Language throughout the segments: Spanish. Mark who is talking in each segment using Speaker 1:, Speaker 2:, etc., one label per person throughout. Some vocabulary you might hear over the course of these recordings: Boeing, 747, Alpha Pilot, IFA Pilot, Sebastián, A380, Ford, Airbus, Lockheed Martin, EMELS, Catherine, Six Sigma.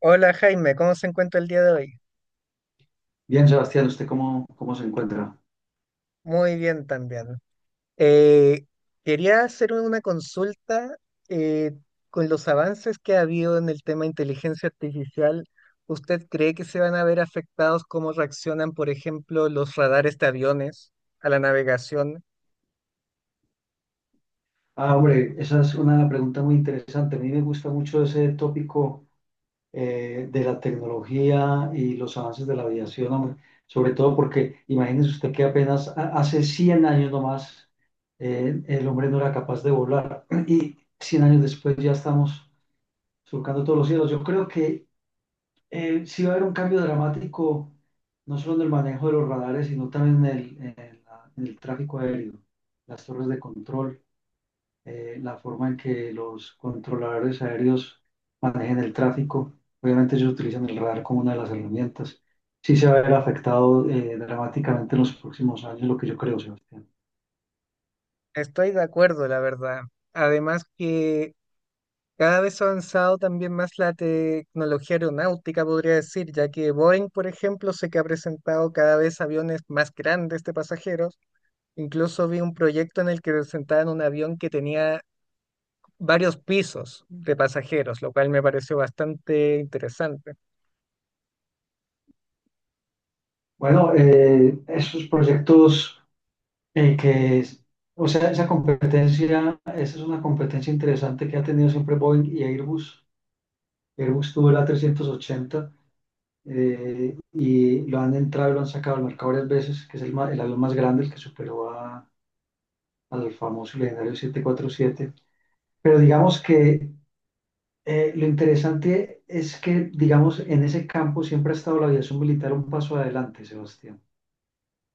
Speaker 1: Hola Jaime, ¿cómo se encuentra el día de hoy?
Speaker 2: Bien, Sebastián, ¿usted cómo se encuentra?
Speaker 1: Muy bien también. Eh, quería hacer una consulta eh, con los avances que ha habido en el tema de inteligencia artificial. ¿Usted cree que se van a ver afectados cómo reaccionan, por ejemplo, los radares de aviones a la navegación?
Speaker 2: Ah, hombre, esa es una pregunta muy interesante. A mí me gusta mucho ese tópico, de la tecnología y los avances de la aviación, hombre. Sobre todo porque imagínese usted que apenas hace 100 años nomás, el hombre no era capaz de volar y 100 años después ya estamos surcando todos los cielos. Yo creo que sí va a haber un cambio dramático, no solo en el manejo de los radares, sino también en el tráfico aéreo, las torres de control, la forma en que los controladores aéreos manejen el tráfico. Obviamente ellos utilizan el radar como una de las herramientas. Sí se va a ver afectado dramáticamente en los próximos años, lo que yo creo, Sebastián.
Speaker 1: Estoy de acuerdo, la verdad. Además que cada vez ha avanzado también más la tecnología aeronáutica, podría decir, ya que Boeing, por ejemplo, sé que ha presentado cada vez aviones más grandes de pasajeros. Incluso vi un proyecto en el que presentaban un avión que tenía varios pisos de pasajeros, lo cual me pareció bastante interesante.
Speaker 2: Bueno, esos proyectos eh, que... es- o sea, esa competencia, esa es una competencia interesante que ha tenido siempre Boeing y Airbus. Airbus tuvo el A380, y lo han entrado y lo han sacado al mercado varias veces, que es el avión más grande, el que al famoso y legendario 747. Pero digamos que lo interesante es que, digamos, en ese campo siempre ha estado la aviación militar un paso adelante, Sebastián.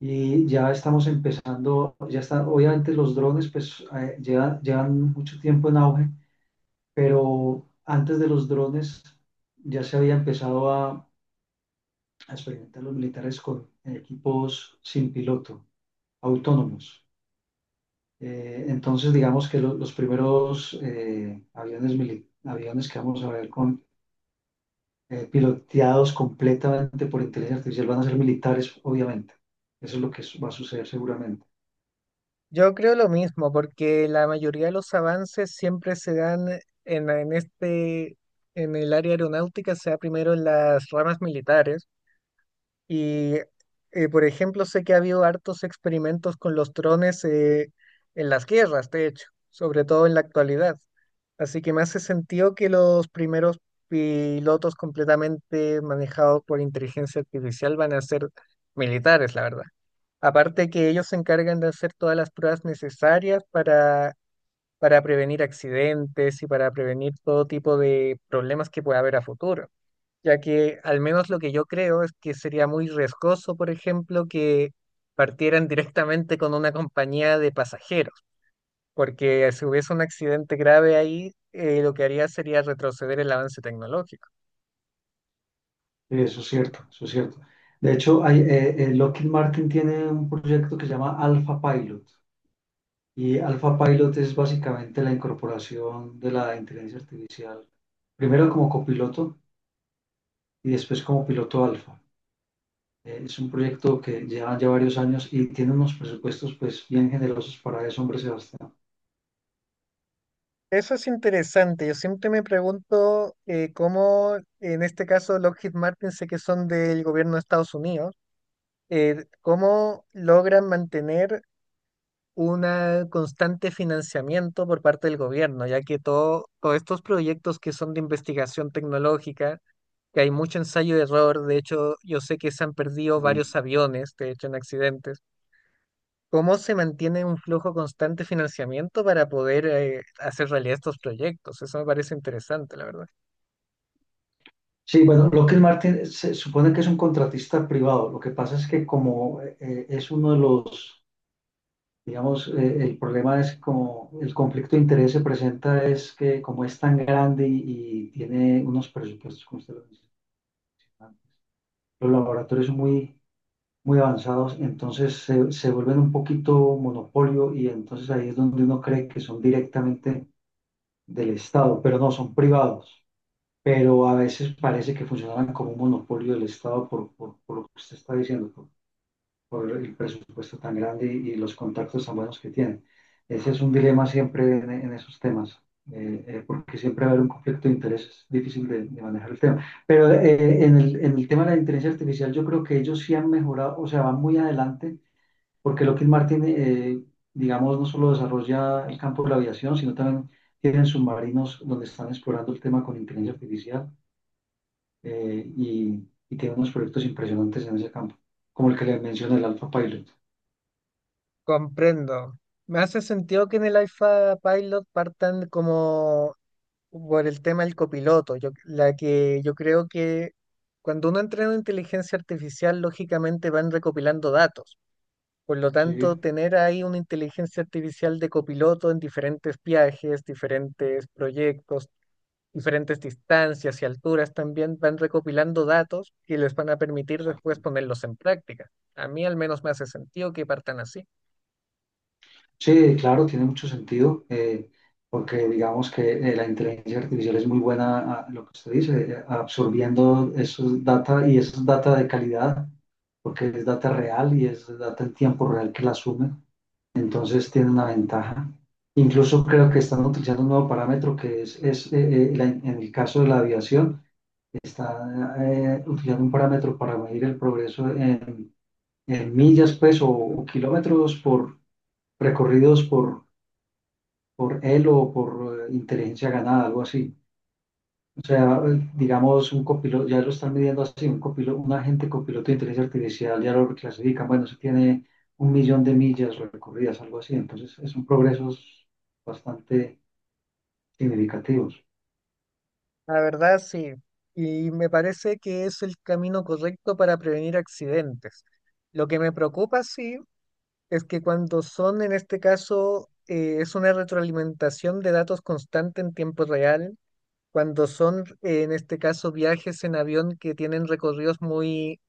Speaker 2: Y ya estamos empezando, ya están, obviamente los drones pues llevan mucho tiempo en auge, pero antes de los drones ya se había empezado a experimentar los militares con equipos sin piloto, autónomos. Entonces, digamos que los primeros aviones que vamos a ver con, piloteados completamente por inteligencia artificial van a ser militares, obviamente. Eso es lo que va a suceder seguramente.
Speaker 1: Yo creo lo mismo, porque la mayoría de los avances siempre se dan en en el área aeronáutica, sea primero en las ramas militares. Y, por ejemplo, sé que ha habido hartos experimentos con los drones en las guerras, de hecho, sobre todo en la actualidad. Así que me hace sentido que los primeros pilotos completamente manejados por inteligencia artificial van a ser militares, la verdad. Aparte que ellos se encargan de hacer todas las pruebas necesarias para prevenir accidentes y para prevenir todo tipo de problemas que pueda haber a futuro, ya que al menos lo que yo creo es que sería muy riesgoso, por ejemplo, que partieran directamente con una compañía de pasajeros, porque si hubiese un accidente grave ahí, lo que haría sería retroceder el avance tecnológico.
Speaker 2: Sí, eso es cierto, eso es cierto. De hecho, Lockheed Martin tiene un proyecto que se llama Alpha Pilot. Y Alpha Pilot es básicamente la incorporación de la inteligencia artificial, primero como copiloto y después como piloto alfa. Es un proyecto que lleva ya varios años y tiene unos presupuestos pues bien generosos para eso, hombre Sebastián.
Speaker 1: Eso es interesante. Yo siempre me pregunto cómo, en este caso, Lockheed Martin, sé que son del gobierno de Estados Unidos, cómo logran mantener un constante financiamiento por parte del gobierno, ya que todos estos proyectos que son de investigación tecnológica, que hay mucho ensayo y error, de hecho yo sé que se han perdido varios aviones, de hecho en accidentes, ¿cómo se mantiene un flujo constante de financiamiento para poder hacer realidad estos proyectos? Eso me parece interesante, la verdad.
Speaker 2: Sí, bueno, Lockheed Martin se supone que es un contratista privado. Lo que pasa es que como es uno de los, digamos, el problema es como el conflicto de interés se presenta es que como es tan grande y tiene unos presupuestos, como usted lo dice, los laboratorios muy avanzados, entonces se vuelven un poquito monopolio y entonces ahí es donde uno cree que son directamente del Estado, pero no, son privados. Pero a veces parece que funcionan como un monopolio del Estado por lo que usted está diciendo, por el presupuesto tan grande y los contactos tan buenos que tienen. Ese es un dilema siempre en esos temas, porque siempre va a haber un conflicto de intereses difícil de manejar el tema. Pero en en el tema de la inteligencia artificial, yo creo que ellos sí han mejorado, o sea, van muy adelante porque Lockheed Martin, digamos, no solo desarrolla el campo de la aviación, sino también tienen submarinos donde están explorando el tema con inteligencia artificial eh, y, y tienen unos proyectos impresionantes en ese campo, como el que le mencioné, el Alpha Pilot.
Speaker 1: Comprendo. Me hace sentido que en el IFA Pilot partan como por el tema del copiloto. Yo, la que yo creo que cuando uno entrena inteligencia artificial, lógicamente van recopilando datos. Por lo
Speaker 2: Sí,
Speaker 1: tanto, tener ahí una inteligencia artificial de copiloto en diferentes viajes, diferentes proyectos, diferentes distancias y alturas también van recopilando datos que les van a permitir
Speaker 2: exacto.
Speaker 1: después ponerlos en práctica. A mí al menos me hace sentido que partan así.
Speaker 2: Sí, claro, tiene mucho sentido, porque digamos que la inteligencia artificial es muy buena, a, lo que usted dice, absorbiendo esos data y esos data de calidad, porque es data real y es data en tiempo real que la asume. Entonces tiene una ventaja. Incluso creo que están utilizando un nuevo parámetro que es en el caso de la aviación, está utilizando un parámetro para medir el progreso en millas, pues, o o kilómetros por recorridos por él o por inteligencia ganada, algo así. O sea, digamos, un copiloto, ya lo están midiendo así, un copiloto, un agente copiloto de inteligencia artificial, ya lo clasifican, bueno, se tiene 1.000.000 de millas recorridas, algo así, entonces son progresos bastante significativos.
Speaker 1: La verdad, sí. Y me parece que es el camino correcto para prevenir accidentes. Lo que me preocupa, sí, es que cuando son, en este caso, es una retroalimentación de datos constante en tiempo real, cuando son, en este caso, viajes en avión que tienen recorridos muy,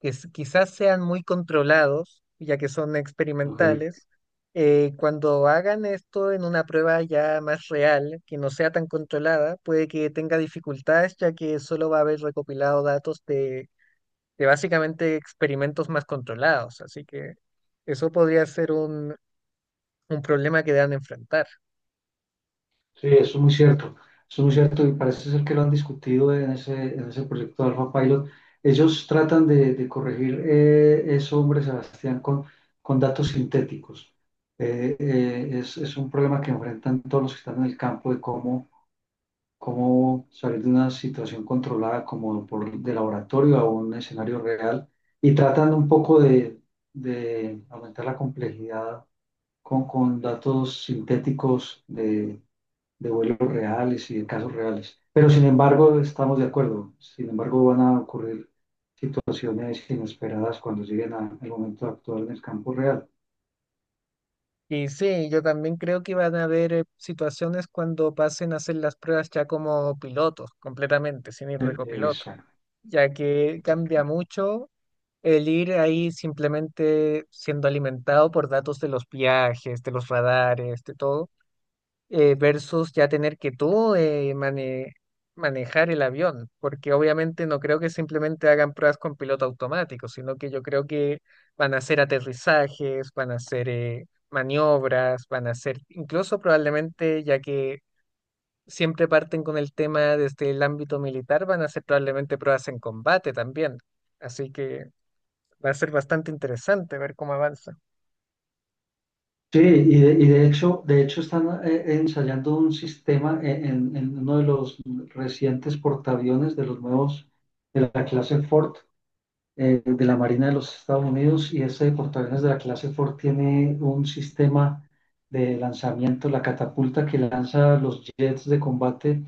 Speaker 1: quizás sean muy controlados, ya que son
Speaker 2: ¿Ok?
Speaker 1: experimentales, cuando hagan esto en una prueba ya más real, que no sea tan controlada, puede que tenga dificultades, ya que solo va a haber recopilado datos de básicamente experimentos más controlados. Así que eso podría ser un problema que deban enfrentar.
Speaker 2: Sí, eso es muy cierto, eso es muy cierto y parece ser que lo han discutido en ese proyecto de Alpha Pilot. Ellos tratan de corregir eso, hombre, Sebastián, con datos sintéticos. Es un problema que enfrentan todos los que están en el campo de cómo salir de una situación controlada como por, de laboratorio a un escenario real y tratando un poco de aumentar la complejidad con datos sintéticos de vuelos reales y de casos reales. Pero sin embargo, estamos de acuerdo, sin embargo van a ocurrir situaciones inesperadas cuando lleguen al momento actual del campo real.
Speaker 1: Y sí, yo también creo que van a haber situaciones cuando pasen a hacer las pruebas ya como pilotos, completamente, sin ir de copiloto,
Speaker 2: Exacto.
Speaker 1: ya que cambia
Speaker 2: Exacto.
Speaker 1: mucho el ir ahí simplemente siendo alimentado por datos de los viajes, de los radares, de todo, versus ya tener que tú manejar el avión, porque obviamente no creo que simplemente hagan pruebas con piloto automático, sino que yo creo que van a hacer aterrizajes, van a hacer maniobras, van a hacer incluso probablemente, ya que siempre parten con el tema desde el ámbito militar, van a hacer probablemente pruebas en combate también. Así que va a ser bastante interesante ver cómo avanza.
Speaker 2: Sí, y de hecho están ensayando un sistema en uno de los recientes portaaviones de los nuevos de la clase Ford, de la Marina de los Estados Unidos, y ese portaaviones de la clase Ford tiene un sistema de lanzamiento, la catapulta que lanza los jets de combate,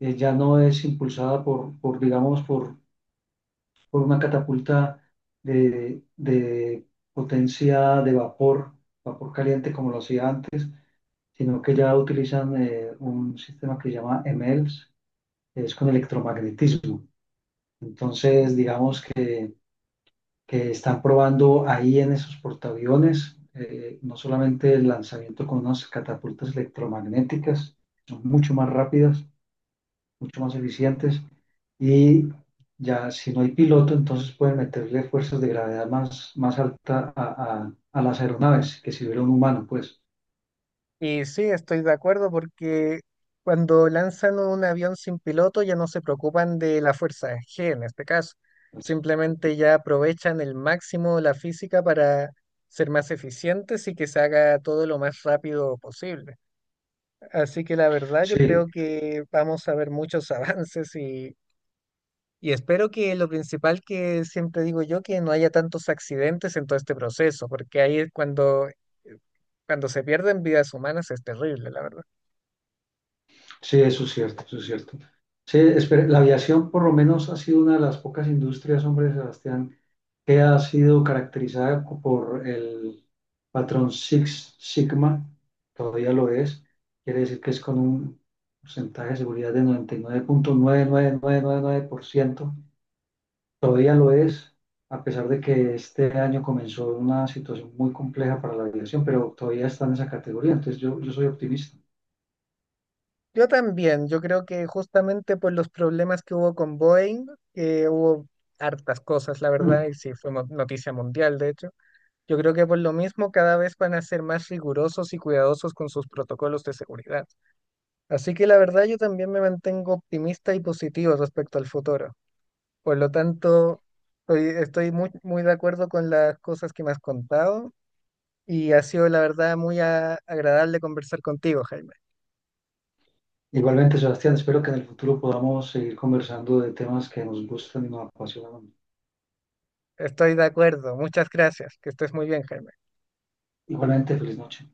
Speaker 2: ya no es impulsada por digamos, por una catapulta de potencia de vapor, vapor caliente como lo hacía antes, sino que ya utilizan un sistema que se llama EMELS, que es con electromagnetismo. Entonces, digamos que están probando ahí en esos portaaviones no solamente el lanzamiento con unas catapultas electromagnéticas, son mucho más rápidas, mucho más eficientes, y ya si no hay piloto, entonces pueden meterle fuerzas de gravedad más, más alta a, a las aeronaves que si hubiera un humano, pues.
Speaker 1: Y sí, estoy de acuerdo porque cuando lanzan un avión sin piloto ya no se preocupan de la fuerza G en este caso.
Speaker 2: Pues,
Speaker 1: Simplemente ya aprovechan el máximo la física para ser más eficientes y que se haga todo lo más rápido posible. Así que la verdad yo
Speaker 2: sí.
Speaker 1: creo que vamos a ver muchos avances. Y espero que lo principal, que siempre digo yo, que no haya tantos accidentes en todo este proceso, porque ahí es cuando, cuando se pierden vidas humanas, es terrible, la verdad.
Speaker 2: Sí, eso es cierto, eso es cierto. Sí, espere, la aviación por lo menos ha sido una de las pocas industrias, hombre, Sebastián, que ha sido caracterizada por el patrón Six Sigma, todavía lo es, quiere decir que es con un porcentaje de seguridad de 99.99999%, todavía lo es, a pesar de que este año comenzó una situación muy compleja para la aviación, pero todavía está en esa categoría, entonces yo soy optimista.
Speaker 1: Yo también, yo creo que justamente por los problemas que hubo con Boeing, que hubo hartas cosas, la verdad, y
Speaker 2: Mm.
Speaker 1: sí, noticia mundial, de hecho, yo creo que por lo mismo cada vez van a ser más rigurosos y cuidadosos con sus protocolos de seguridad. Así que la verdad yo también me mantengo optimista y positivo respecto al futuro. Por lo tanto, estoy muy de acuerdo con las cosas que me has contado y ha sido la verdad agradable conversar contigo, Jaime.
Speaker 2: Igualmente, Sebastián, espero que en el futuro podamos seguir conversando de temas que nos gustan y nos apasionan.
Speaker 1: Estoy de acuerdo. Muchas gracias. Que estés muy bien, Jaime.
Speaker 2: Igualmente, feliz noche.